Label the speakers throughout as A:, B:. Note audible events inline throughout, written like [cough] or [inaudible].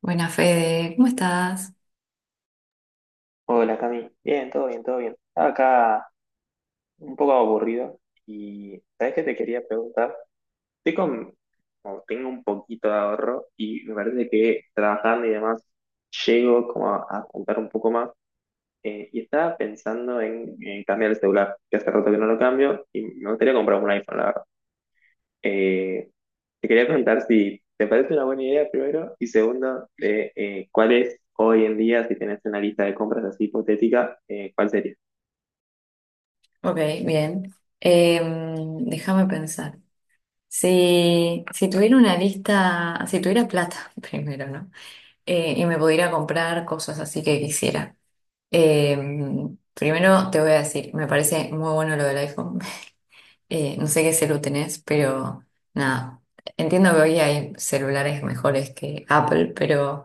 A: Buena Fede, ¿cómo estás?
B: Hola Cami, bien, todo bien, todo bien. Estaba acá un poco aburrido y ¿sabes qué te quería preguntar? Estoy con, como tengo un poquito de ahorro y me parece que trabajando y demás llego como a juntar un poco más y estaba pensando en cambiar el celular, que hace rato que no lo cambio y me gustaría comprar un iPhone, la verdad. Eh, Te quería preguntar si te parece una buena idea primero y segundo, ¿cuál es hoy en día, si tenés una lista de compras así hipotética, cuál sería?
A: Ok, bien. Déjame pensar. Si tuviera una lista, si tuviera plata [laughs] primero, ¿no? Y me pudiera comprar cosas así que quisiera. Primero te voy a decir, me parece muy bueno lo del iPhone. No sé qué celu tenés, pero nada. Entiendo que hoy hay celulares mejores que Apple, pero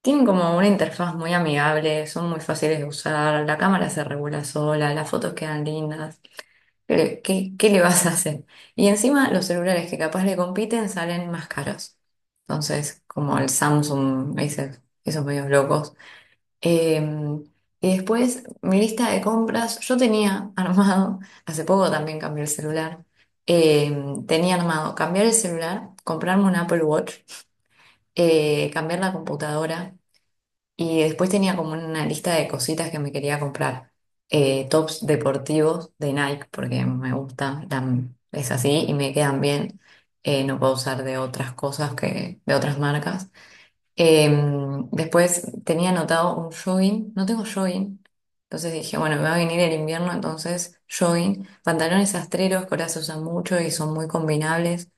A: tienen como una interfaz muy amigable, son muy fáciles de usar, la cámara se regula sola, las fotos quedan lindas. Pero, ¿qué le vas a hacer? Y encima los celulares que capaz le compiten salen más caros. Entonces, como el Samsung, esos medios locos. Em, y después mi lista de compras, yo tenía armado, [laughs] hace poco también cambié el celular, tenía armado cambiar el celular, comprarme un Apple Watch, cambiar la computadora y después tenía como una lista de cositas que me quería comprar, tops deportivos de Nike porque me gusta, es así y me quedan bien, no puedo usar de otras cosas que de otras marcas. Después tenía anotado un jogging, no tengo jogging, entonces dije, bueno, me va a venir el invierno, entonces jogging, pantalones astreros, que ahora se usan mucho y son muy combinables.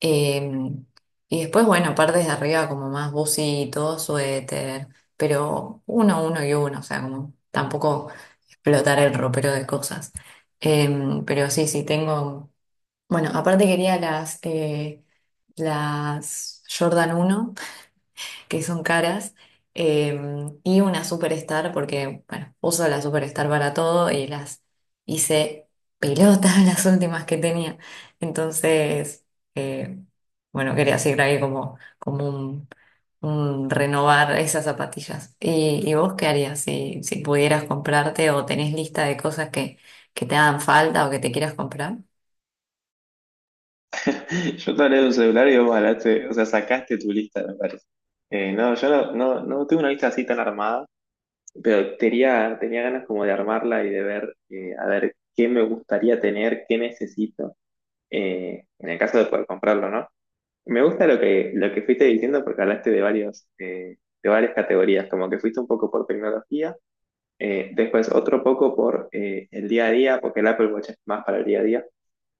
A: Em, y después, bueno, partes de arriba como más bucitos, suéter, pero uno, uno y uno, o sea, como tampoco explotar el ropero de cosas. Pero sí, sí, tengo, bueno, aparte quería las Jordan uno que son caras, eh, y una superstar, porque, bueno, uso la superstar para todo y las hice pelotas [laughs] las últimas que tenía. Entonces, eh, bueno, quería seguir ahí como, como un renovar esas zapatillas. Y vos qué harías si, si pudieras comprarte o tenés lista de cosas que te hagan falta o que te quieras comprar?
B: [laughs] Yo te hablé de un celular y vos hablaste, o sea, sacaste tu lista, me parece. No, yo no, no, no tengo una lista así tan armada, pero tenía ganas como de armarla y de ver, a ver, qué me gustaría tener, qué necesito, en el caso de poder comprarlo, ¿no? Me gusta lo que fuiste diciendo porque hablaste de varios, de varias categorías, como que fuiste un poco por tecnología, después otro poco por el día a día, porque el Apple Watch es más para el día a día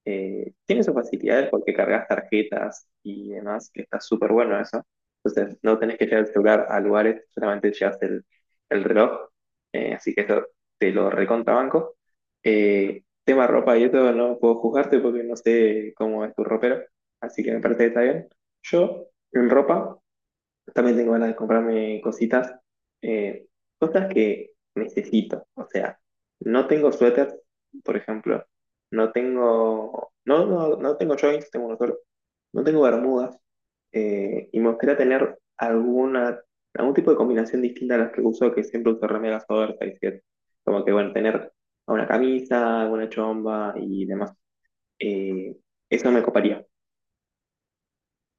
B: tiene sus facilidades porque cargas tarjetas y demás, que está súper bueno eso. Entonces, no tenés que llevar el celular a lugares, solamente llevas el reloj. Así que eso te lo recontrabanco. Tema ropa y todo, no puedo juzgarte porque no sé cómo es tu ropero. Así que me parece que está bien. Yo, en ropa, también tengo ganas de comprarme cositas, eh, cosas que necesito. O sea, no tengo suéteres, por ejemplo. No tengo, no, no, no tengo joints, tengo uno solo. No tengo bermudas. Y me gustaría tener algún tipo de combinación distinta a las que uso, que siempre uso remeras oversize, que es como que, bueno, tener una camisa, alguna chomba y demás. Eh, Eso me coparía.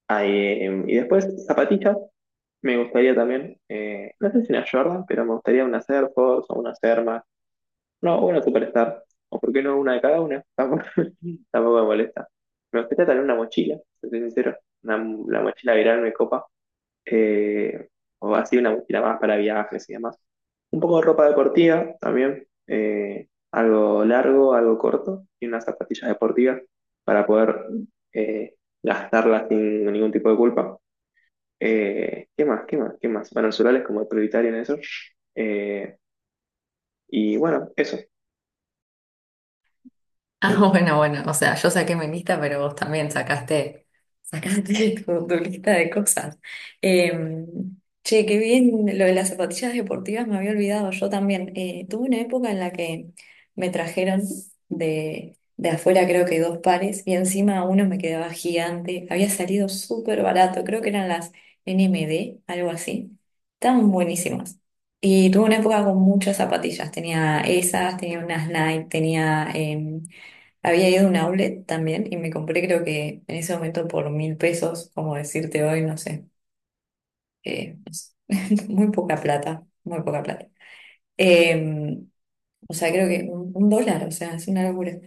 B: Ah, y después zapatillas, me gustaría también, no sé si una Jordan, pero me gustaría una Air Force o una Serma. No, una Superstar. O por qué no una de cada una. [laughs] Tampoco me molesta. Me gustaría tener una mochila, si soy sincero. Una, la mochila viral me copa. eh, o así una mochila más para viajes y demás. Un poco de ropa deportiva también. Algo largo, algo corto. Y unas zapatillas deportivas para poder eh, gastarlas sin ningún tipo de culpa. ¿Qué más? ¿Qué más? ¿Qué más? Bueno, el solar es como el prioritario en eso. Eh, y bueno, eso.
A: Ah, [laughs] bueno, bueno, o sea, yo saqué mi lista, pero vos también sacaste, sacaste [laughs] tu lista de cosas. Eh, Che, qué bien lo de las zapatillas deportivas, me había olvidado, yo también. Tuve una época en la que me trajeron de afuera creo que dos pares y encima uno me quedaba gigante, había salido súper barato, creo que eran las NMD, algo así. Estaban buenísimas. Y tuve una época con muchas zapatillas, tenía esas, tenía unas Nike, tenía... había ido a un outlet también y me compré, creo que en ese momento por 1.000 pesos, como decirte hoy, no sé, no sé, [laughs] muy poca plata, muy poca plata. Eh, o sea, creo que un dólar, o sea, es una locura.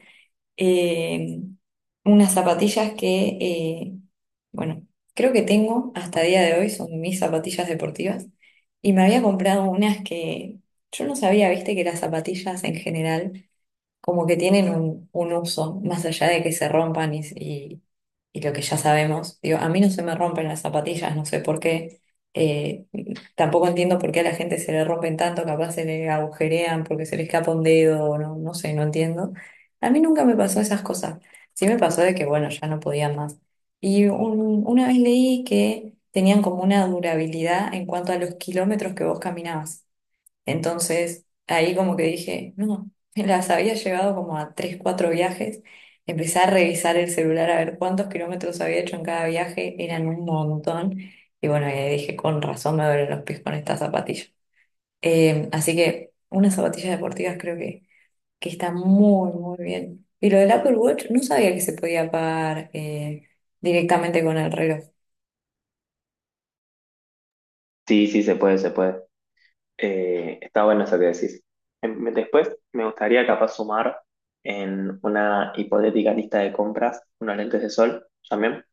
A: Eh, Unas zapatillas que, bueno, creo que tengo hasta día de hoy, son mis zapatillas deportivas. Y me había comprado unas que yo no sabía, viste, que las zapatillas en general como que tienen un uso, más allá de que se rompan y lo que ya sabemos. Digo, a mí no se me rompen las zapatillas, no sé por qué. Eh, Tampoco entiendo por qué a la gente se le rompen tanto, capaz se le agujerean porque se le escapa un dedo, o no, no sé, no entiendo. A mí nunca me pasó esas cosas. Sí me pasó de que, bueno, ya no podía más. Y una vez leí que tenían como una durabilidad en cuanto a los kilómetros que vos caminabas. Entonces, ahí como que dije, no, [laughs] me las había llevado como a tres, cuatro viajes. Empecé a revisar el celular a ver cuántos kilómetros había hecho en cada viaje, eran un montón. Y bueno, y ahí dije, con razón me duelen los pies con estas zapatillas. Así que unas zapatillas deportivas creo que están muy, muy bien. Y lo del Apple Watch, no sabía que se podía pagar directamente con el reloj.
B: Sí, sí, se puede, se puede. Está bueno eso que decís. Después me gustaría capaz sumar en una hipotética lista de compras unos lentes de sol también.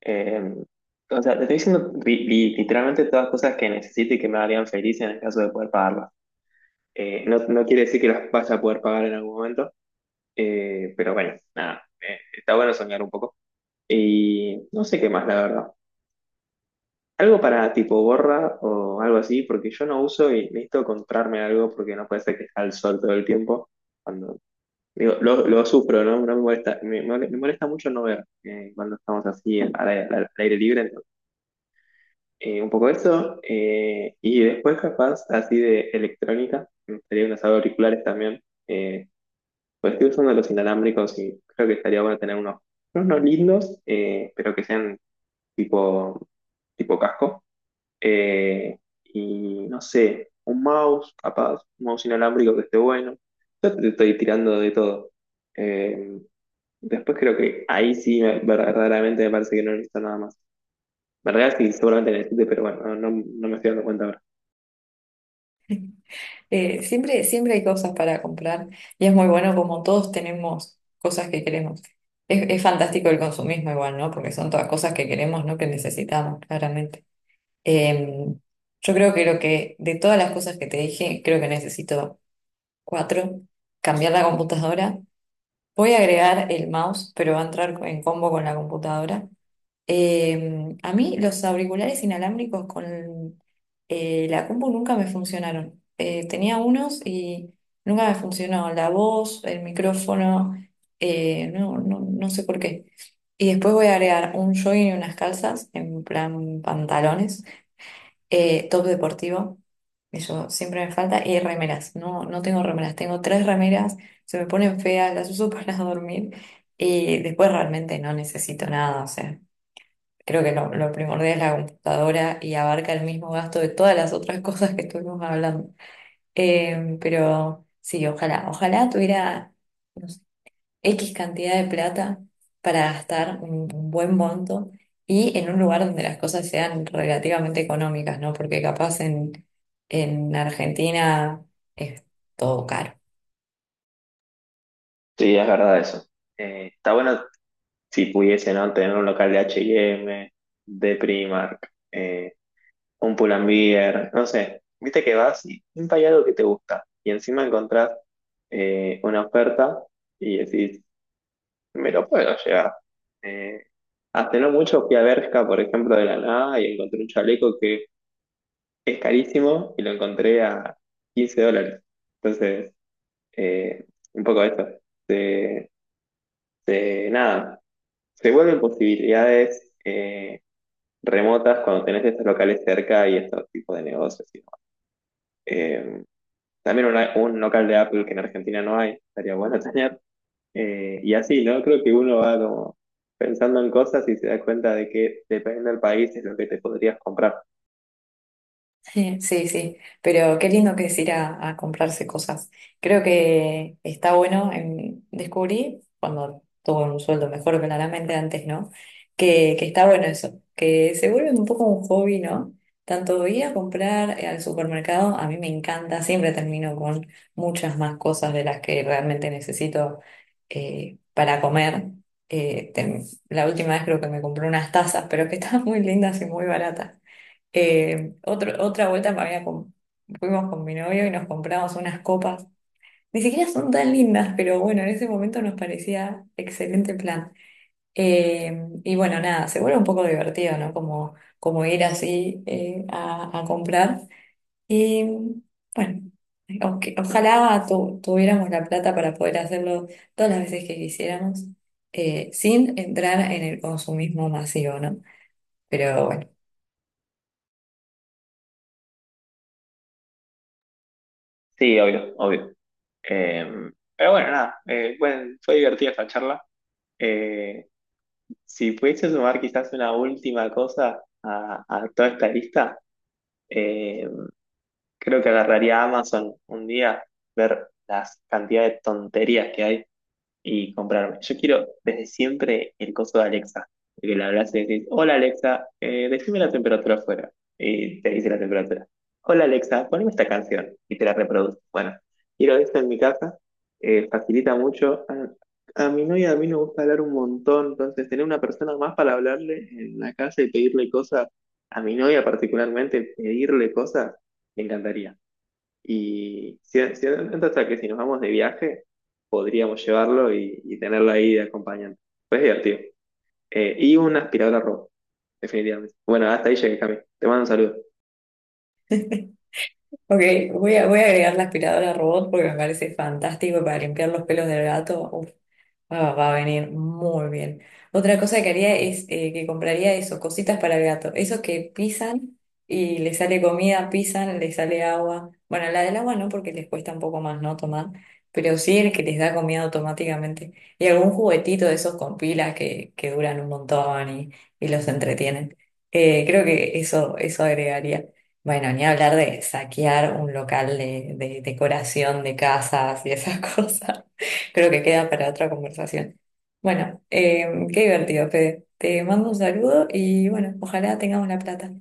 B: Eh, o sea, te estoy diciendo literalmente todas las cosas que necesite y que me harían feliz en el caso de poder pagarlas. No, no quiere decir que las vas a poder pagar en algún momento, pero bueno, nada, está bueno soñar un poco. Y no sé qué más, la verdad. Algo para tipo gorra o algo así, porque yo no uso y necesito comprarme algo porque no puede ser que esté al sol todo el tiempo. Cuando, digo, lo sufro, ¿no? No me molesta, me molesta mucho no ver cuando estamos así al aire libre. ¿No? Un poco eso. Y después capaz así de electrónica, me gustaría unos auriculares también. eh, pues estoy usando los inalámbricos y creo que estaría bueno tener unos lindos, pero que sean tipo, tipo casco. Eh, y no sé, un mouse, capaz, un mouse inalámbrico que esté bueno. Yo te estoy tirando de todo. Eh, Después creo que ahí sí, verdaderamente me parece que no necesito nada más. En realidad sí, seguramente necesite, pero bueno, no, no, no me estoy dando cuenta ahora.
A: Siempre, siempre hay cosas para comprar y es muy bueno como todos tenemos cosas que queremos. Es fantástico el consumismo igual, ¿no? Porque son todas cosas que queremos, no que necesitamos, claramente. Eh, yo creo que lo que, de todas las cosas que te dije, creo que necesito cuatro. Cambiar la computadora. Voy a agregar el mouse, pero va a entrar en combo con la computadora. A mí los auriculares inalámbricos con la compu nunca me funcionaron. Tenía unos y nunca me funcionó la voz, el micrófono, no sé por qué. Y después voy a agregar un jogging y unas calzas, en plan pantalones, top deportivo, eso siempre me falta, y remeras. No, no tengo remeras, tengo tres remeras, se me ponen feas, las uso [laughs] para dormir y después realmente no necesito nada, o sea. Creo que lo primordial es la computadora y abarca el mismo gasto de todas las otras [laughs] cosas que estuvimos hablando. Pero sí, ojalá, ojalá tuviera, no sé, X cantidad de plata para gastar un buen monto y en un lugar donde las cosas sean relativamente económicas, ¿no? Porque capaz en Argentina es todo caro.
B: Sí, es verdad eso. Está bueno si pudiese, ¿no? Tener un local de H&M, de Primark, un Pull&Bear, no sé. Viste que vas y siempre hay algo que te gusta. Y encima encontrás una oferta y decís, me lo puedo llevar. Eh, Hace no mucho fui a Bershka, por ejemplo, de la nada y encontré un chaleco que es carísimo y lo encontré a 15 dólares. Entonces, eh, un poco eso. Se, Nada, se vuelven posibilidades remotas cuando tenés estos locales cerca y estos tipos de negocios. Y demás. Eh, También un local de Apple que en Argentina no hay, estaría bueno tener. Y así, ¿no? Creo que uno va como pensando en cosas y se da cuenta de que dependiendo del país es lo que te podrías comprar.
A: Sí, sí, sí, pero qué lindo que es ir a comprarse cosas. Creo que está bueno, en, descubrí cuando tuve un sueldo mejor claramente antes, ¿no? Que está bueno eso, que se vuelve un poco un hobby, ¿no? Tanto ir a comprar al supermercado, a mí me encanta, siempre termino con muchas más cosas de las que realmente necesito para comer. La última vez creo que me compré unas tazas, pero que [laughs] estaban muy lindas y muy baratas. Otra vuelta fuimos con mi novio y nos compramos unas copas. Ni siquiera son tan lindas, pero bueno, en ese momento nos parecía excelente plan. Y bueno, nada, se vuelve un poco divertido, ¿no? Como, como ir así a comprar. Y bueno, ojalá tuviéramos la plata para poder hacerlo todas las veces que quisiéramos, sin entrar en el consumismo masivo, ¿no? Pero bueno.
B: Sí, obvio, obvio. Eh, pero bueno, nada, bueno, fue divertida esta charla. Eh, si pudiese sumar quizás una última cosa a toda esta lista, eh, creo que agarraría Amazon un día, ver las cantidades de tonterías que hay y comprarme. Yo quiero desde siempre el coso de Alexa, de que le hablas y le decís, hola Alexa, decime la temperatura afuera, y te dice la temperatura. Hola Alexa, poneme esta canción, y te la reproduce. Bueno, quiero esto en mi casa, facilita mucho. A mi novia a mí me gusta hablar un montón, entonces tener una persona más para hablarle en la casa y pedirle cosas, a mi novia particularmente, pedirle cosas, me encantaría. Y si, si hasta que si nos vamos de viaje, podríamos llevarlo y tenerlo ahí de acompañante. Pues es divertido. Y una aspiradora robot, definitivamente. Bueno, hasta ahí llegué, Cami. Te mando un saludo.
A: Ok, voy a, voy a agregar la aspiradora robot porque me parece fantástico para limpiar los pelos del gato. Ah, va a venir muy bien. Otra cosa que haría es que compraría eso, cositas para el gato. Esos que pisan y le sale comida, pisan, le sale agua. Bueno, la del agua no, porque les cuesta un poco más, ¿no? Tomar. Pero sí el que les da comida automáticamente. Y algún juguetito de esos con pilas que duran un montón y los entretienen. Creo que eso agregaría. Bueno, ni hablar de saquear un local de decoración de casas y esas [laughs] cosas. Creo que queda para otra conversación. Bueno, qué divertido, Fede. Te mando un saludo y bueno, ojalá tengamos la plata.